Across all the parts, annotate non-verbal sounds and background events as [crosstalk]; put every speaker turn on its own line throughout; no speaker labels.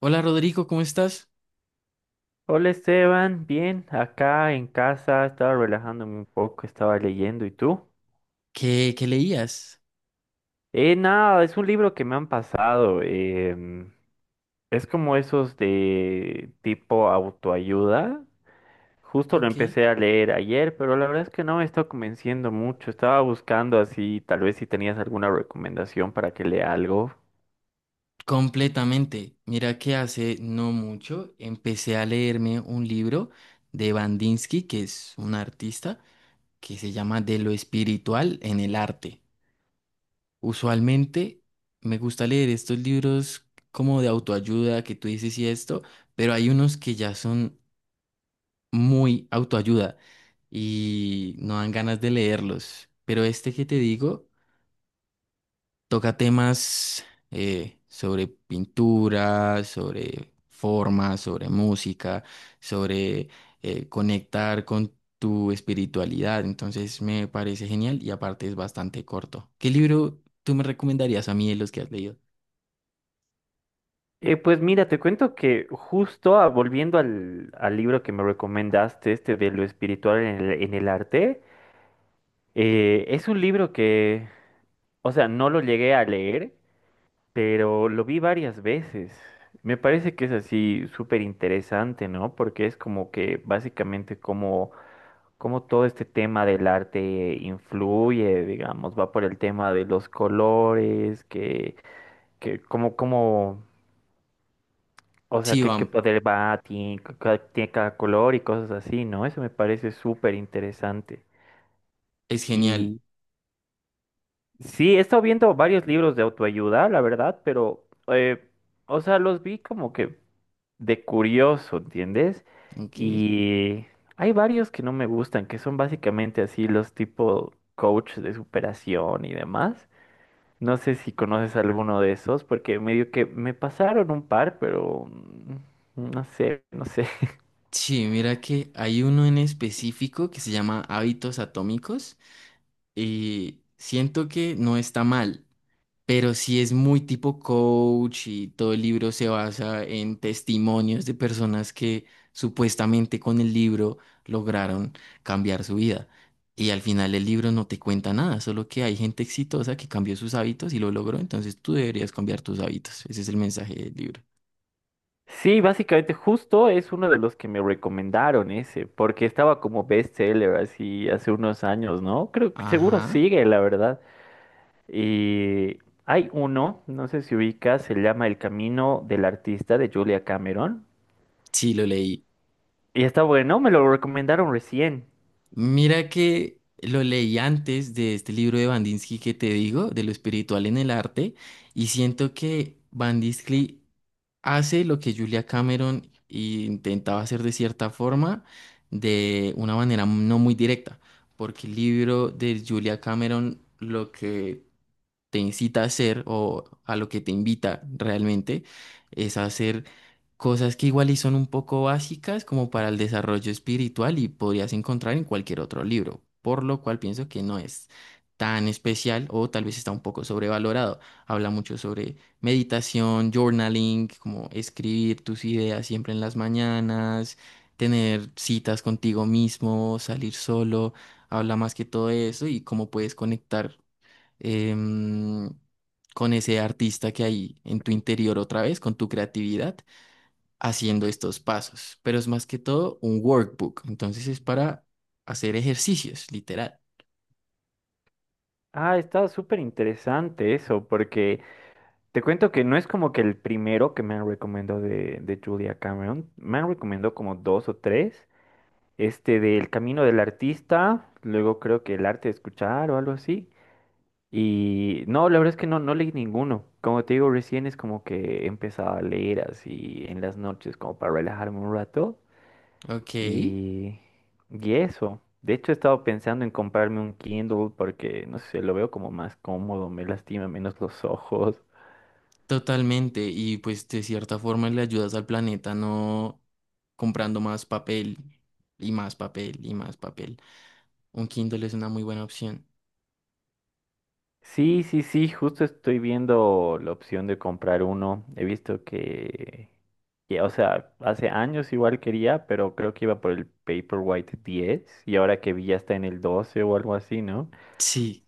Hola Rodrigo, ¿cómo estás?
Hola Esteban, bien, acá en casa estaba relajándome un poco, estaba leyendo, ¿y tú?
¿Qué leías?
Nada, es un libro que me han pasado, es como esos de tipo autoayuda, justo lo
Ok.
empecé a leer ayer, pero la verdad es que no me está convenciendo mucho, estaba buscando así, tal vez si tenías alguna recomendación para que lea algo.
Completamente. Mira que hace no mucho empecé a leerme un libro de Bandinsky, que es un artista, que se llama De lo espiritual en el arte. Usualmente me gusta leer estos libros como de autoayuda, que tú dices y esto, pero hay unos que ya son muy autoayuda y no dan ganas de leerlos. Pero este que te digo toca temas sobre pintura, sobre forma, sobre música, sobre conectar con tu espiritualidad. Entonces me parece genial y aparte es bastante corto. ¿Qué libro tú me recomendarías a mí de los que has leído?
Pues mira, te cuento que justo volviendo al libro que me recomendaste, este de lo espiritual en el arte. Es un libro que, o sea, no lo llegué a leer, pero lo vi varias veces. Me parece que es así súper interesante, ¿no? Porque es como que básicamente como todo este tema del arte influye, digamos, va por el tema de los colores, que como, como, o sea,
Sí,
qué
bam,
poder tiene, tiene cada color y cosas así, ¿no? Eso me parece súper interesante.
es genial.
y Sí, he estado viendo varios libros de autoayuda, la verdad, pero, o sea, los vi como que de curioso, ¿entiendes?
Ok.
Y hay varios que no me gustan, que son básicamente así los tipo coach de superación y demás. No sé si conoces alguno de esos, porque medio que me pasaron un par, pero no sé, no sé.
Sí, mira que hay uno en específico que se llama Hábitos Atómicos y siento que no está mal, pero sí es muy tipo coach y todo el libro se basa en testimonios de personas que supuestamente con el libro lograron cambiar su vida. Y al final el libro no te cuenta nada, solo que hay gente exitosa que cambió sus hábitos y lo logró, entonces tú deberías cambiar tus hábitos. Ese es el mensaje del libro.
Sí, básicamente justo es uno de los que me recomendaron ese, porque estaba como bestseller así hace unos años, ¿no? Creo que seguro
Ajá,
sigue, la verdad. Y hay uno, no sé si ubicas, se llama El Camino del Artista de Julia Cameron.
sí, lo leí.
Y está bueno, me lo recomendaron recién.
Mira que lo leí antes de este libro de Bandinsky que te digo, de lo espiritual en el arte, y siento que Bandinsky hace lo que Julia Cameron intentaba hacer de cierta forma, de una manera no muy directa, porque el libro de Julia Cameron lo que te incita a hacer o a lo que te invita realmente es a hacer cosas que igual y son un poco básicas como para el desarrollo espiritual y podrías encontrar en cualquier otro libro, por lo cual pienso que no es tan especial o tal vez está un poco sobrevalorado. Habla mucho sobre meditación, journaling, como escribir tus ideas siempre en las mañanas, tener citas contigo mismo, salir solo, habla más que todo eso y cómo puedes conectar, em, con ese artista que hay en tu interior otra vez, con tu creatividad haciendo estos pasos, pero es más que todo un workbook, entonces es para hacer ejercicios, literal.
Ah, está súper interesante eso, porque te cuento que no es como que el primero que me han recomendado de Julia Cameron, me han recomendado como dos o tres. Este del camino del artista, luego creo que el arte de escuchar o algo así. Y no, la verdad es que no, no leí ninguno. Como te digo, recién es como que empezaba a leer así en las noches, como para relajarme un rato.
Ok,
Y, y eso. De hecho, he estado pensando en comprarme un Kindle porque, no sé, lo veo como más cómodo, me lastima menos los ojos.
totalmente, y pues de cierta forma le ayudas al planeta no comprando más papel y más papel y más papel. Un Kindle es una muy buena opción.
Sí, sí, sí, justo estoy viendo la opción de comprar uno. He visto que, o sea, hace años igual quería, pero creo que iba por el Paperwhite diez y ahora que vi ya está en el 12 o algo así, ¿no?
Sí.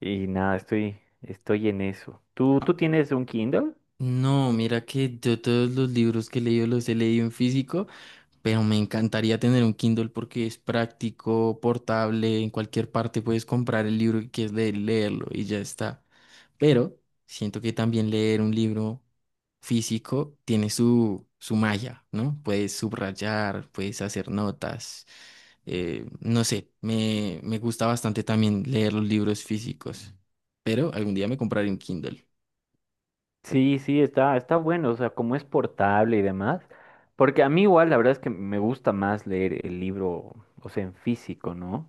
Y nada, estoy en eso. ¿Tú,
Ah,
tú tienes un Kindle?
no, mira que yo todos los libros que he leído los he leído en físico, pero me encantaría tener un Kindle porque es práctico, portable, en cualquier parte puedes comprar el libro que quieres leer, leerlo y ya está. Pero siento que también leer un libro físico tiene su magia, ¿no? Puedes subrayar, puedes hacer notas. No sé, me gusta bastante también leer los libros físicos, pero algún día me compraré un Kindle.
Sí, sí, está bueno, o sea, como es portable y demás. Porque a mí igual la verdad es que me gusta más leer el libro, o sea, en físico, ¿no?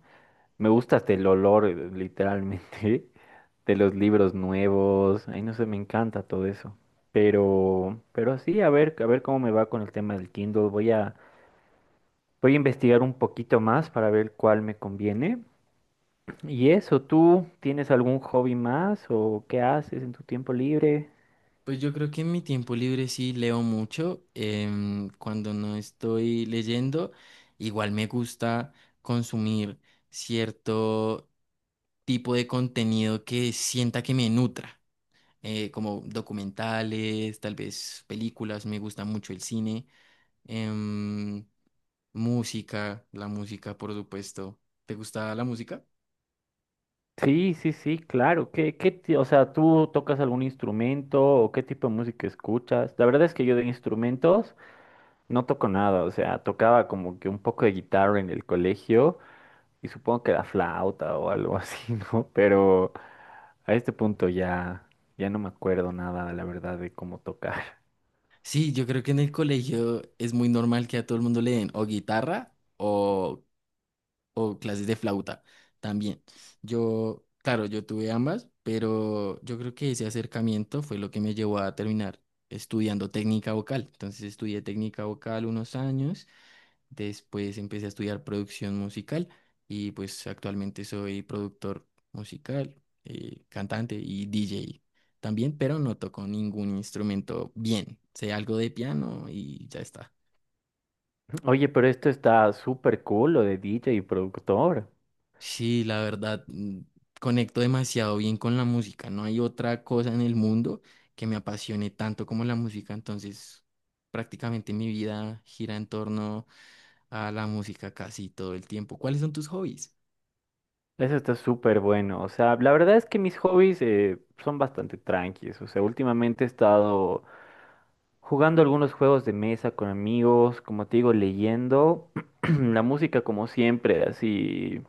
Me gusta hasta el olor, literalmente. [laughs] De los libros nuevos. Ay, no sé, me encanta todo eso. Pero sí, a ver cómo me va con el tema del Kindle. Voy a investigar un poquito más para ver cuál me conviene. Y eso, ¿tú tienes algún hobby más o qué haces en tu tiempo libre?
Pues yo creo que en mi tiempo libre sí leo mucho. Cuando no estoy leyendo, igual me gusta consumir cierto tipo de contenido que sienta que me nutra, como documentales, tal vez películas, me gusta mucho el cine, em, música, la música, por supuesto. ¿Te gusta la música?
Sí, sí, sí, claro. O sea, ¿tú tocas algún instrumento o qué tipo de música escuchas? La verdad es que yo de instrumentos no toco nada, o sea, tocaba como que un poco de guitarra en el colegio. Y supongo que la flauta o algo así, [laughs] ¿no? Pero a este punto ya, ya no me acuerdo nada, la verdad, de cómo tocar.
Sí, yo creo que en el colegio es muy normal que a todo el mundo le den o guitarra o clases de flauta también. Yo, claro, yo tuve ambas, pero yo creo que ese acercamiento fue lo que me llevó a terminar estudiando técnica vocal. Entonces estudié técnica vocal unos años, después empecé a estudiar producción musical y pues actualmente soy productor musical, cantante y DJ también, pero no toco ningún instrumento bien. Sé algo de piano y ya está.
[laughs] Oye, pero esto está súper cool, lo de DJ y productor.
Sí, la verdad, mm, conecto demasiado bien con la música. No hay otra cosa en el mundo que me apasione tanto como la música. Entonces, prácticamente mi vida gira en torno a la música casi todo el tiempo. ¿Cuáles son tus hobbies?
Eso está súper bueno. O sea, la verdad es que mis hobbies son bastante tranquilos. O sea, últimamente he estado jugando algunos juegos de mesa con amigos, como te digo, leyendo. [clears throat] La música, como siempre, así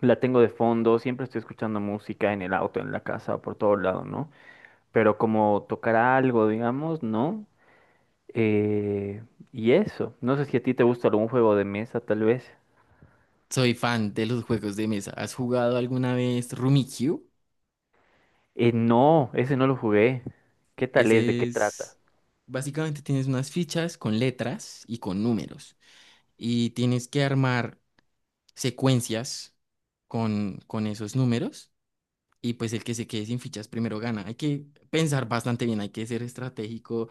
la tengo de fondo. Siempre estoy escuchando música en el auto, en la casa, por todo lado, ¿no? Pero como tocar algo, digamos, ¿no? Eh, y eso, no sé si a ti te gusta algún juego de mesa, tal vez.
Soy fan de los juegos de mesa. ¿Has jugado alguna vez Rummikub?
No, ese no lo jugué. ¿Qué tal es? ¿De
Ese
qué trata?
es... Básicamente tienes unas fichas con letras y con números. Y tienes que armar secuencias con esos números y pues el que se quede sin fichas primero gana. Hay que pensar bastante bien, hay que ser estratégico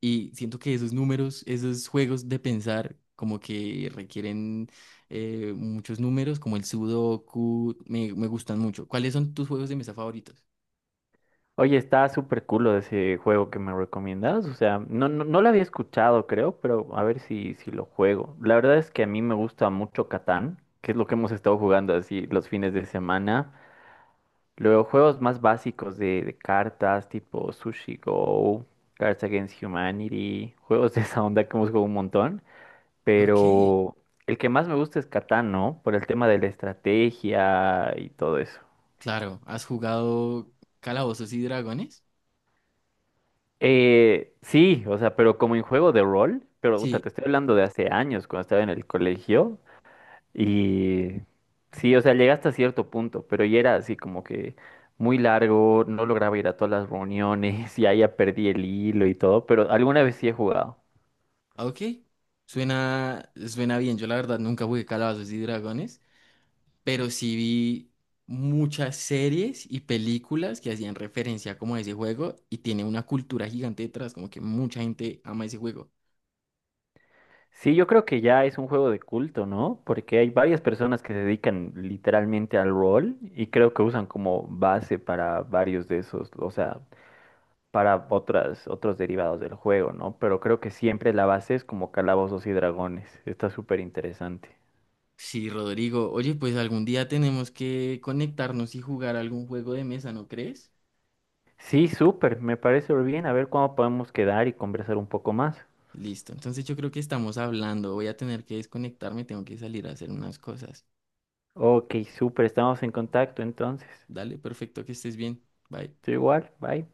y siento que esos números, esos juegos de pensar como que requieren muchos números, como el Sudoku, me gustan mucho. ¿Cuáles son tus juegos de mesa favoritos?
Oye, está súper cool ese juego que me recomiendas. O sea, no, no, no lo había escuchado, creo, pero a ver si lo juego. La verdad es que a mí me gusta mucho Catán, que es lo que hemos estado jugando así los fines de semana. Luego juegos más básicos de cartas tipo Sushi Go, Cards Against Humanity, juegos de esa onda que hemos jugado un montón,
Ok,
pero el que más me gusta es Catán, ¿no? Por el tema de la estrategia y todo eso.
claro, ¿has jugado Calabozos y Dragones?
Sí, o sea, pero como en juego de rol, pero puta,
Sí,
te estoy hablando de hace años, cuando estaba en el colegio. Y sí, o sea, llegué hasta cierto punto, pero ya era así como que muy largo, no lograba ir a todas las reuniones, [laughs] ya perdí el hilo y todo, pero alguna vez sí he jugado.
ok, suena, suena bien. Yo la verdad nunca jugué Calabozos y Dragones, pero sí vi muchas series y películas que hacían referencia como a ese juego y tiene una cultura gigante detrás, como que mucha gente ama ese juego.
Sí, yo creo que ya es un juego de culto, ¿no? Porque hay varias personas que se dedican literalmente al rol y creo que usan como base para varios de esos, o sea, para otros derivados del juego, ¿no? Pero creo que siempre la base es como calabozos y dragones. Está súper interesante.
Sí, Rodrigo, oye, pues algún día tenemos que conectarnos y jugar algún juego de mesa, ¿no crees?
Sí, súper, me parece bien. A ver cuándo podemos quedar y conversar un poco más.
Listo, entonces yo creo que estamos hablando, voy a tener que desconectarme, tengo que salir a hacer unas cosas.
Ok, súper, estamos en contacto entonces.
Dale, perfecto, que estés bien. Bye.
Estoy igual, bye.